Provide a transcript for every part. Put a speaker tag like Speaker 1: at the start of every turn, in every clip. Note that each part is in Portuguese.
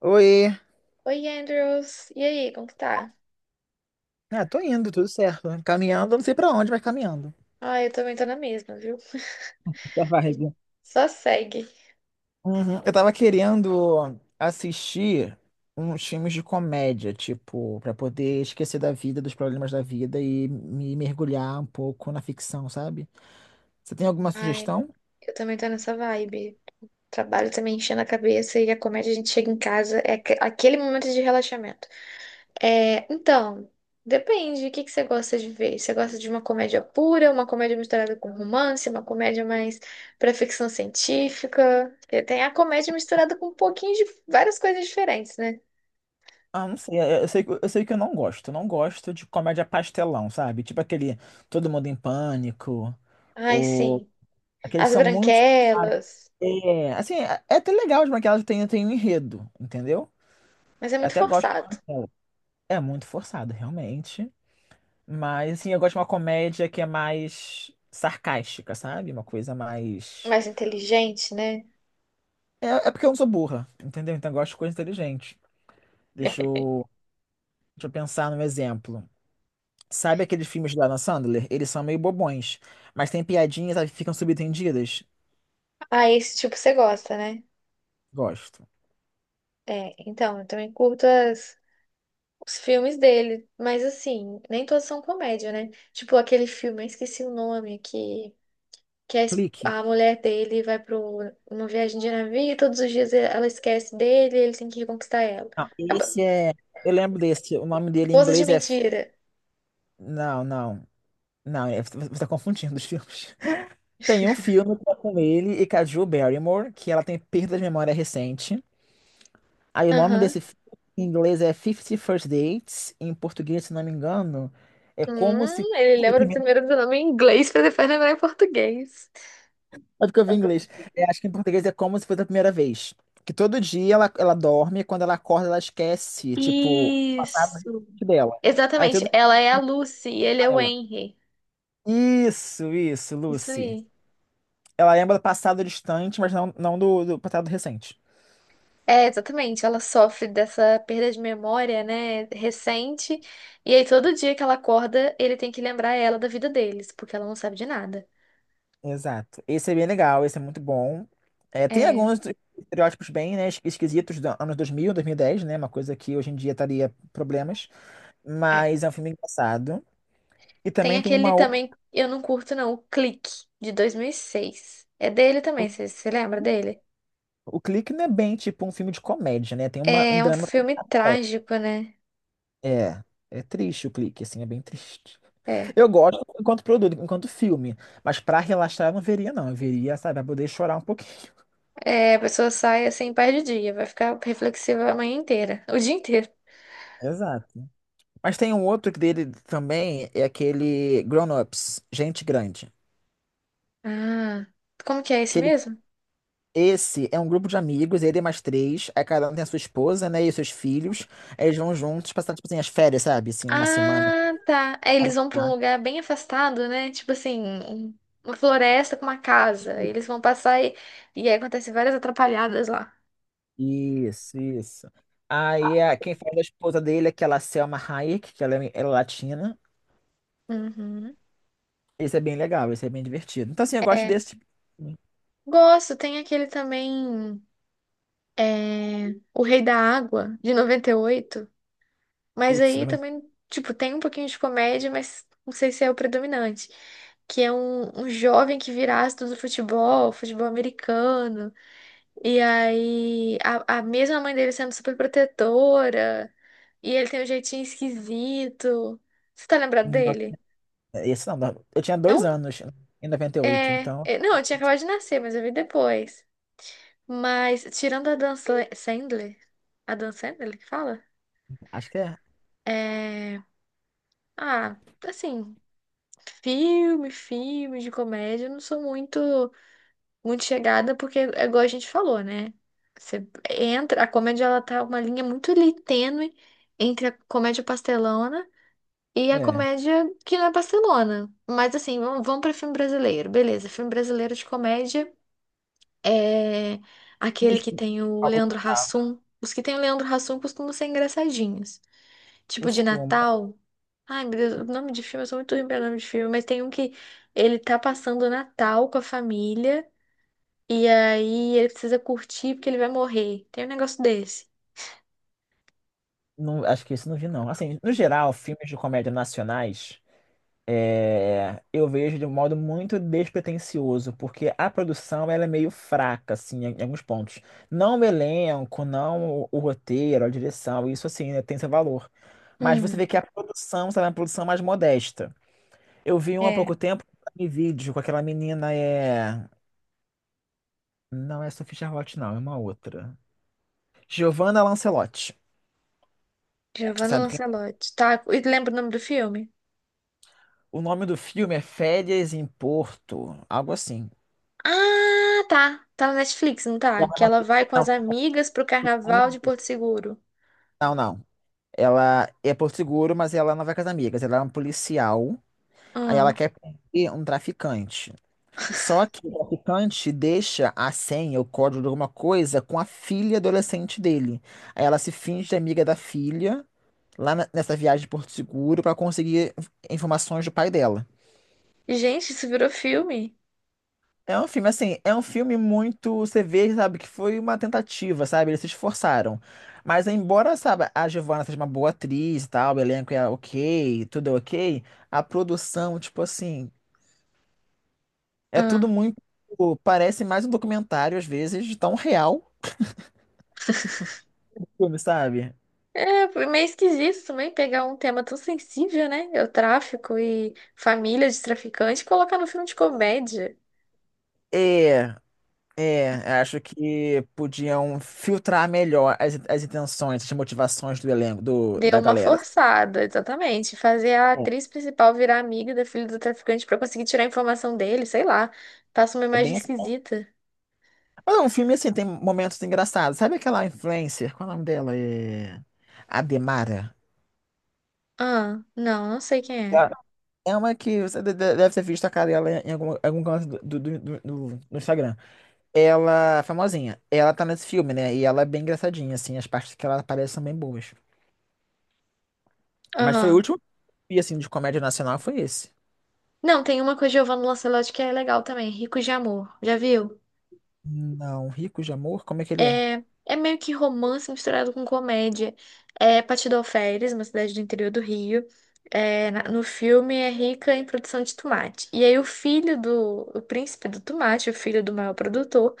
Speaker 1: Oi.
Speaker 2: Oi, Andrews. E aí, como que tá?
Speaker 1: Ah, tô indo, tudo certo. Caminhando, não sei pra onde, mas caminhando.
Speaker 2: Ah, eu também tô na mesma, viu?
Speaker 1: Essa vibe.
Speaker 2: Só segue.
Speaker 1: Uhum. Eu tava querendo assistir uns filmes de comédia, tipo, pra poder esquecer da vida, dos problemas da vida e me mergulhar um pouco na ficção, sabe? Você tem alguma
Speaker 2: Ai,
Speaker 1: sugestão?
Speaker 2: eu também tô nessa vibe. Trabalho também enchendo a cabeça e a comédia a gente chega em casa, é aquele momento de relaxamento. É, então, depende, o que que você gosta de ver? Você gosta de uma comédia pura, uma comédia misturada com romance, uma comédia mais pra ficção científica? Porque tem a comédia misturada com um pouquinho de várias coisas diferentes, né?
Speaker 1: Ah, não sei. Eu sei, eu sei que eu não gosto. Eu não gosto de comédia pastelão, sabe? Tipo aquele Todo Mundo em Pânico,
Speaker 2: Ai,
Speaker 1: ou
Speaker 2: sim.
Speaker 1: aqueles
Speaker 2: As
Speaker 1: são muito.
Speaker 2: Branquelas.
Speaker 1: É, assim, é até legal de que ela tem, tem um enredo, entendeu?
Speaker 2: Mas é
Speaker 1: Eu
Speaker 2: muito
Speaker 1: até gosto
Speaker 2: forçado.
Speaker 1: dela. É muito forçado, realmente. Mas, assim, eu gosto de uma comédia que é mais sarcástica, sabe? Uma coisa mais.
Speaker 2: Mais inteligente, né?
Speaker 1: É, é porque eu não sou burra, entendeu? Então eu gosto de coisa inteligente. Deixa eu, deixa eu pensar num exemplo. Sabe aqueles filmes da Adam Sandler? Eles são meio bobões, mas tem piadinhas, sabe, que ficam subentendidas.
Speaker 2: Ah, esse tipo você gosta, né?
Speaker 1: Gosto.
Speaker 2: É, então, eu também curto os filmes dele. Mas assim, nem todos são comédia, né? Tipo aquele filme, eu esqueci o nome, que
Speaker 1: Clique.
Speaker 2: a mulher dele vai para uma viagem de navio e todos os dias ela esquece dele e ele tem que reconquistar ela.
Speaker 1: Não,
Speaker 2: Acaba-
Speaker 1: esse é. Eu lembro desse. O nome dele em
Speaker 2: Esposas de
Speaker 1: inglês é.
Speaker 2: mentira.
Speaker 1: Não, não. Não, é- você tá confundindo os filmes. Tem um filme que é com ele e com a Drew Barrymore, que ela tem perda de memória recente. Aí o nome desse
Speaker 2: Aham.
Speaker 1: filme em inglês é Fifty First Dates, em português, se não me engano, é como se.
Speaker 2: Ele
Speaker 1: fosse a
Speaker 2: lembra
Speaker 1: primeira-
Speaker 2: primeiro do nome em inglês pra depois lembrar em português.
Speaker 1: Sabe que eu vi em inglês? É, acho que em português é como se fosse a primeira vez. Que todo dia ela dorme, e quando ela acorda, ela esquece, tipo, o passado
Speaker 2: Isso.
Speaker 1: recente dela. Aí
Speaker 2: Exatamente,
Speaker 1: tudo
Speaker 2: ela é a Lucy e ele é
Speaker 1: com
Speaker 2: o
Speaker 1: ela.
Speaker 2: Henry.
Speaker 1: Isso,
Speaker 2: Isso
Speaker 1: Lucy.
Speaker 2: aí.
Speaker 1: Ela lembra do passado distante, mas não, não do passado recente.
Speaker 2: É, exatamente, ela sofre dessa perda de memória, né, recente, e aí todo dia que ela acorda, ele tem que lembrar ela da vida deles, porque ela não sabe de nada.
Speaker 1: Exato. Esse é bem legal, esse é muito bom. É, tem
Speaker 2: É,
Speaker 1: alguns estereótipos bem, né, esquisitos dos anos 2000, dez né? Uma coisa que hoje em dia estaria problemas,
Speaker 2: é.
Speaker 1: mas é um filme engraçado. E
Speaker 2: Tem
Speaker 1: também tem
Speaker 2: aquele
Speaker 1: uma
Speaker 2: também,
Speaker 1: outra.
Speaker 2: eu não curto não, o Clique, de 2006. É dele também, você lembra dele?
Speaker 1: O Clique não é bem tipo um filme de comédia, né? Tem uma, um
Speaker 2: É um
Speaker 1: drama.
Speaker 2: filme trágico, né?
Speaker 1: É, é triste o Clique, assim, é bem triste.
Speaker 2: É,
Speaker 1: Eu gosto enquanto produto, enquanto filme, mas pra relaxar eu não veria, não. Eu veria, sabe, pra poder chorar um pouquinho.
Speaker 2: é, a pessoa sai assim, perde o dia, vai ficar reflexiva a manhã inteira, o dia inteiro.
Speaker 1: Exato. Mas tem um outro que dele também, é aquele Grown Ups, Gente Grande.
Speaker 2: Ah, como que é esse mesmo?
Speaker 1: Esse é um grupo de amigos, ele e mais três, aí cada um tem a sua esposa, né, e seus filhos, aí eles vão juntos passar, tipo assim, as férias, sabe? Assim, uma semana.
Speaker 2: Ah, tá. Aí eles vão pra um lugar bem afastado, né? Tipo assim, uma floresta com uma casa. Aí eles vão passar e aí acontece várias atrapalhadas lá.
Speaker 1: Isso, isso. Quem faz a esposa dele é aquela Selma Hayek, que ela é latina.
Speaker 2: Uhum.
Speaker 1: Esse é bem legal, esse é bem divertido. Então, assim, eu gosto
Speaker 2: É,
Speaker 1: desse.
Speaker 2: gosto, tem aquele também, é, O Rei da Água, de noventa e oito. Mas
Speaker 1: Putz,
Speaker 2: aí
Speaker 1: 90
Speaker 2: também, tipo, tem um pouquinho de comédia, mas não sei se é o predominante. Que é um jovem que vira astro do futebol, futebol americano. E aí, a mesma mãe dele sendo super protetora, e ele tem um jeitinho esquisito. Você tá lembrado
Speaker 1: não,
Speaker 2: dele?
Speaker 1: esse não, não. Eu tinha
Speaker 2: É
Speaker 1: dois
Speaker 2: um.
Speaker 1: anos em 98
Speaker 2: É,
Speaker 1: então
Speaker 2: não, eu tinha acabado de nascer, mas eu vi depois. Mas, tirando a Sandler, a Dan Sandler que fala?
Speaker 1: acho que é.
Speaker 2: É. Ah, assim, filme de comédia, eu não sou muito. Muito chegada, porque é igual a gente falou, né? Você entra, a comédia ela tá uma linha muito ali tênue entre a comédia pastelona e a
Speaker 1: É.
Speaker 2: comédia que não é pastelona. Mas assim, vamos para filme brasileiro. Beleza, filme brasileiro de comédia é aquele
Speaker 1: Filmes
Speaker 2: que
Speaker 1: que eu
Speaker 2: tem o Leandro
Speaker 1: gostava,
Speaker 2: Hassum. Os que tem o Leandro Hassum costumam ser engraçadinhos. Tipo de
Speaker 1: costumo.
Speaker 2: Natal. Ai, meu Deus, o nome de filme, eu sou muito ruim pra nome de filme, mas tem um que ele tá passando o Natal com a família. E aí ele precisa curtir porque ele vai morrer. Tem um negócio desse.
Speaker 1: Não, acho que isso não vi, não. Assim, no geral, filmes de comédia nacionais. É, eu vejo de um modo muito despretensioso, porque a produção ela é meio fraca, assim, em alguns pontos. Não o elenco, não o roteiro, a direção, isso assim, né, tem seu valor. Mas você
Speaker 2: Hum,
Speaker 1: vê que a produção, sabe, é uma produção mais modesta. Eu vi um há
Speaker 2: é.
Speaker 1: pouco tempo, um vídeo com aquela menina, não é Sophie Charlotte, não, é uma outra. Giovanna Lancelotti,
Speaker 2: Giovanna
Speaker 1: sabe quem é?
Speaker 2: Lancelotti. Tá, e lembra o nome do filme?
Speaker 1: O nome do filme é Férias em Porto, algo assim.
Speaker 2: Ah, tá. Tá na Netflix, não
Speaker 1: Ela
Speaker 2: tá? Que ela vai com
Speaker 1: é
Speaker 2: as
Speaker 1: uma-
Speaker 2: amigas pro carnaval de
Speaker 1: Não,
Speaker 2: Porto Seguro.
Speaker 1: não, não. Ela é por seguro, mas ela não vai com as amigas. Ela é um policial. Aí
Speaker 2: Ah.
Speaker 1: ela quer prender um traficante. Só que o traficante deixa a senha, o código de alguma coisa, com a filha adolescente dele. Aí ela se finge de amiga da filha, nessa viagem de Porto Seguro, para conseguir informações do pai dela.
Speaker 2: Gente, isso virou filme.
Speaker 1: É um filme, assim, é um filme muito. Você vê, sabe, que foi uma tentativa, sabe? Eles se esforçaram. Mas, embora, sabe, a Giovanna seja uma boa atriz e tal, o elenco é ok, tudo é ok, a produção, tipo assim, é tudo
Speaker 2: Ah.
Speaker 1: muito. Parece mais um documentário, às vezes, de tão real o filme, sabe?
Speaker 2: É, foi meio esquisito também pegar um tema tão sensível, né? É, o tráfico e família de traficante e colocar no filme de comédia.
Speaker 1: É, é, acho que podiam as intenções, as motivações do elenco,
Speaker 2: Deu
Speaker 1: da
Speaker 2: uma
Speaker 1: galera.
Speaker 2: forçada, exatamente. Fazer a
Speaker 1: É,
Speaker 2: atriz principal virar amiga da filha do traficante pra conseguir tirar a informação dele, sei lá. Passa uma
Speaker 1: é
Speaker 2: imagem
Speaker 1: bem assim.
Speaker 2: esquisita.
Speaker 1: Mas o filme, assim, tem momentos engraçados. Sabe aquela influencer? Qual é o nome dela? Ademara.
Speaker 2: Ah, não, não sei quem é.
Speaker 1: Ah, é uma que você deve ter visto a cara dela em algum, algum canto do Instagram. Ela, famosinha, ela tá nesse filme, né? E ela é bem engraçadinha, assim, as partes que ela aparece são bem boas. Mas foi o
Speaker 2: Aham.
Speaker 1: último filme, assim, de comédia nacional foi esse.
Speaker 2: Não, tem uma com a Giovanna Lancelotti que é legal também, Ricos de Amor. Já viu?
Speaker 1: Não, Rico de Amor, como é que ele é?
Speaker 2: É, é meio que romance misturado com comédia. É Patidoféries, uma cidade do interior do Rio. É, no filme é rica em produção de tomate. E aí o filho do, o príncipe do tomate, o filho do maior produtor,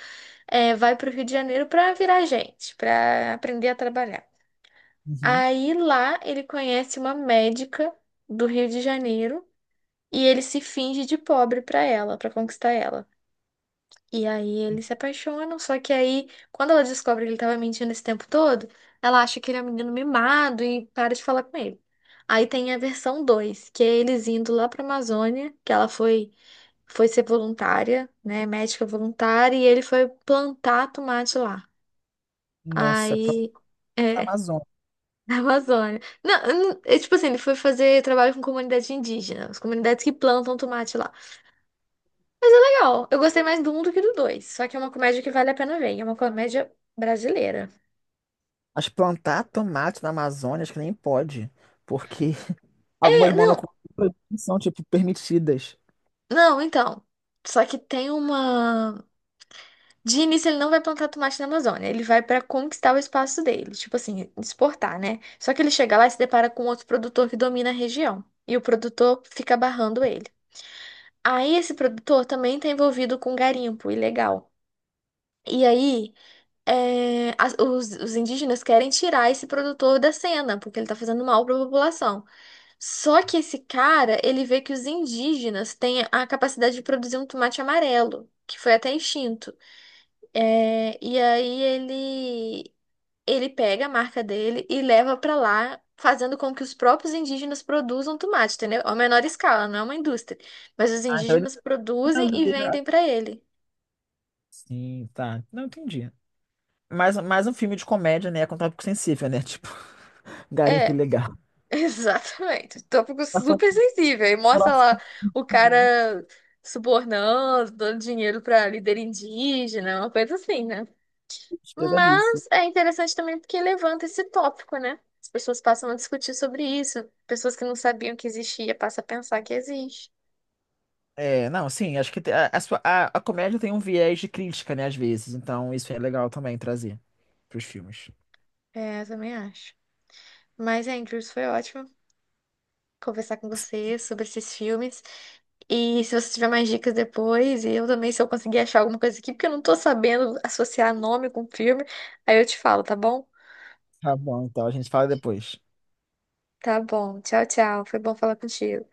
Speaker 2: é, vai para o Rio de Janeiro para virar gente, para aprender a trabalhar.
Speaker 1: Uhum.
Speaker 2: Aí lá ele conhece uma médica do Rio de Janeiro e ele se finge de pobre para ela, para conquistar ela. E aí eles se apaixonam, só que aí quando ela descobre que ele estava mentindo esse tempo todo, ela acha que ele é um menino mimado e para de falar com ele. Aí tem a versão 2 que é eles indo lá para Amazônia, que ela foi, foi ser voluntária, né, médica voluntária, e ele foi plantar tomate lá.
Speaker 1: Nossa,
Speaker 2: Aí,
Speaker 1: Planeta
Speaker 2: é,
Speaker 1: Amazônia.
Speaker 2: na Amazônia. Não, é, tipo assim, ele foi fazer trabalho com comunidade indígena, as comunidades que plantam tomate lá. Legal, eu gostei mais do um do que do dois, só que é uma comédia que vale a pena ver, e é uma comédia brasileira.
Speaker 1: Mas plantar tomate na Amazônia, acho que nem pode, porque
Speaker 2: É,
Speaker 1: algumas
Speaker 2: não,
Speaker 1: monoculturas são, tipo, permitidas.
Speaker 2: não, então. Só que tem uma. De início, ele não vai plantar tomate na Amazônia, ele vai pra conquistar o espaço dele, tipo assim, exportar, né? Só que ele chega lá e se depara com outro produtor que domina a região, e o produtor fica barrando ele. Aí esse produtor também está envolvido com garimpo ilegal. E aí, é, os indígenas querem tirar esse produtor da cena, porque ele está fazendo mal para a população. Só que esse cara, ele vê que os indígenas têm a capacidade de produzir um tomate amarelo, que foi até extinto. É, e aí ele pega a marca dele e leva para lá, fazendo com que os próprios indígenas produzam tomate, entendeu? A menor escala, não é uma indústria, mas os
Speaker 1: Ah, então ele...
Speaker 2: indígenas
Speaker 1: é
Speaker 2: produzem e
Speaker 1: brasileiro.
Speaker 2: vendem para ele.
Speaker 1: Sim, tá. Não entendi. Mais, mais um filme de comédia, né? Com tópico sensível, né? Tipo, garimpo
Speaker 2: É,
Speaker 1: ilegal.
Speaker 2: exatamente. Tópico
Speaker 1: Passando
Speaker 2: super sensível. E
Speaker 1: por
Speaker 2: mostra lá
Speaker 1: assuntos
Speaker 2: o cara subornando, dando dinheiro para líder indígena, uma coisa assim, né?
Speaker 1: despesa disso.
Speaker 2: Mas é interessante também porque levanta esse tópico, né? As pessoas passam a discutir sobre isso. Pessoas que não sabiam que existia passam a pensar que existe.
Speaker 1: É, não, sim, acho que a, a comédia tem um viés de crítica, né, às vezes. Então, isso é legal também trazer pros filmes.
Speaker 2: É, eu também acho. Mas, Andrews, foi ótimo conversar com você sobre esses filmes. E se você tiver mais dicas depois, e eu também, se eu conseguir achar alguma coisa aqui, porque eu não tô sabendo associar nome com filme, aí eu te falo, tá bom?
Speaker 1: Tá bom, então a gente fala depois.
Speaker 2: Tá bom. Tchau, tchau. Foi bom falar contigo.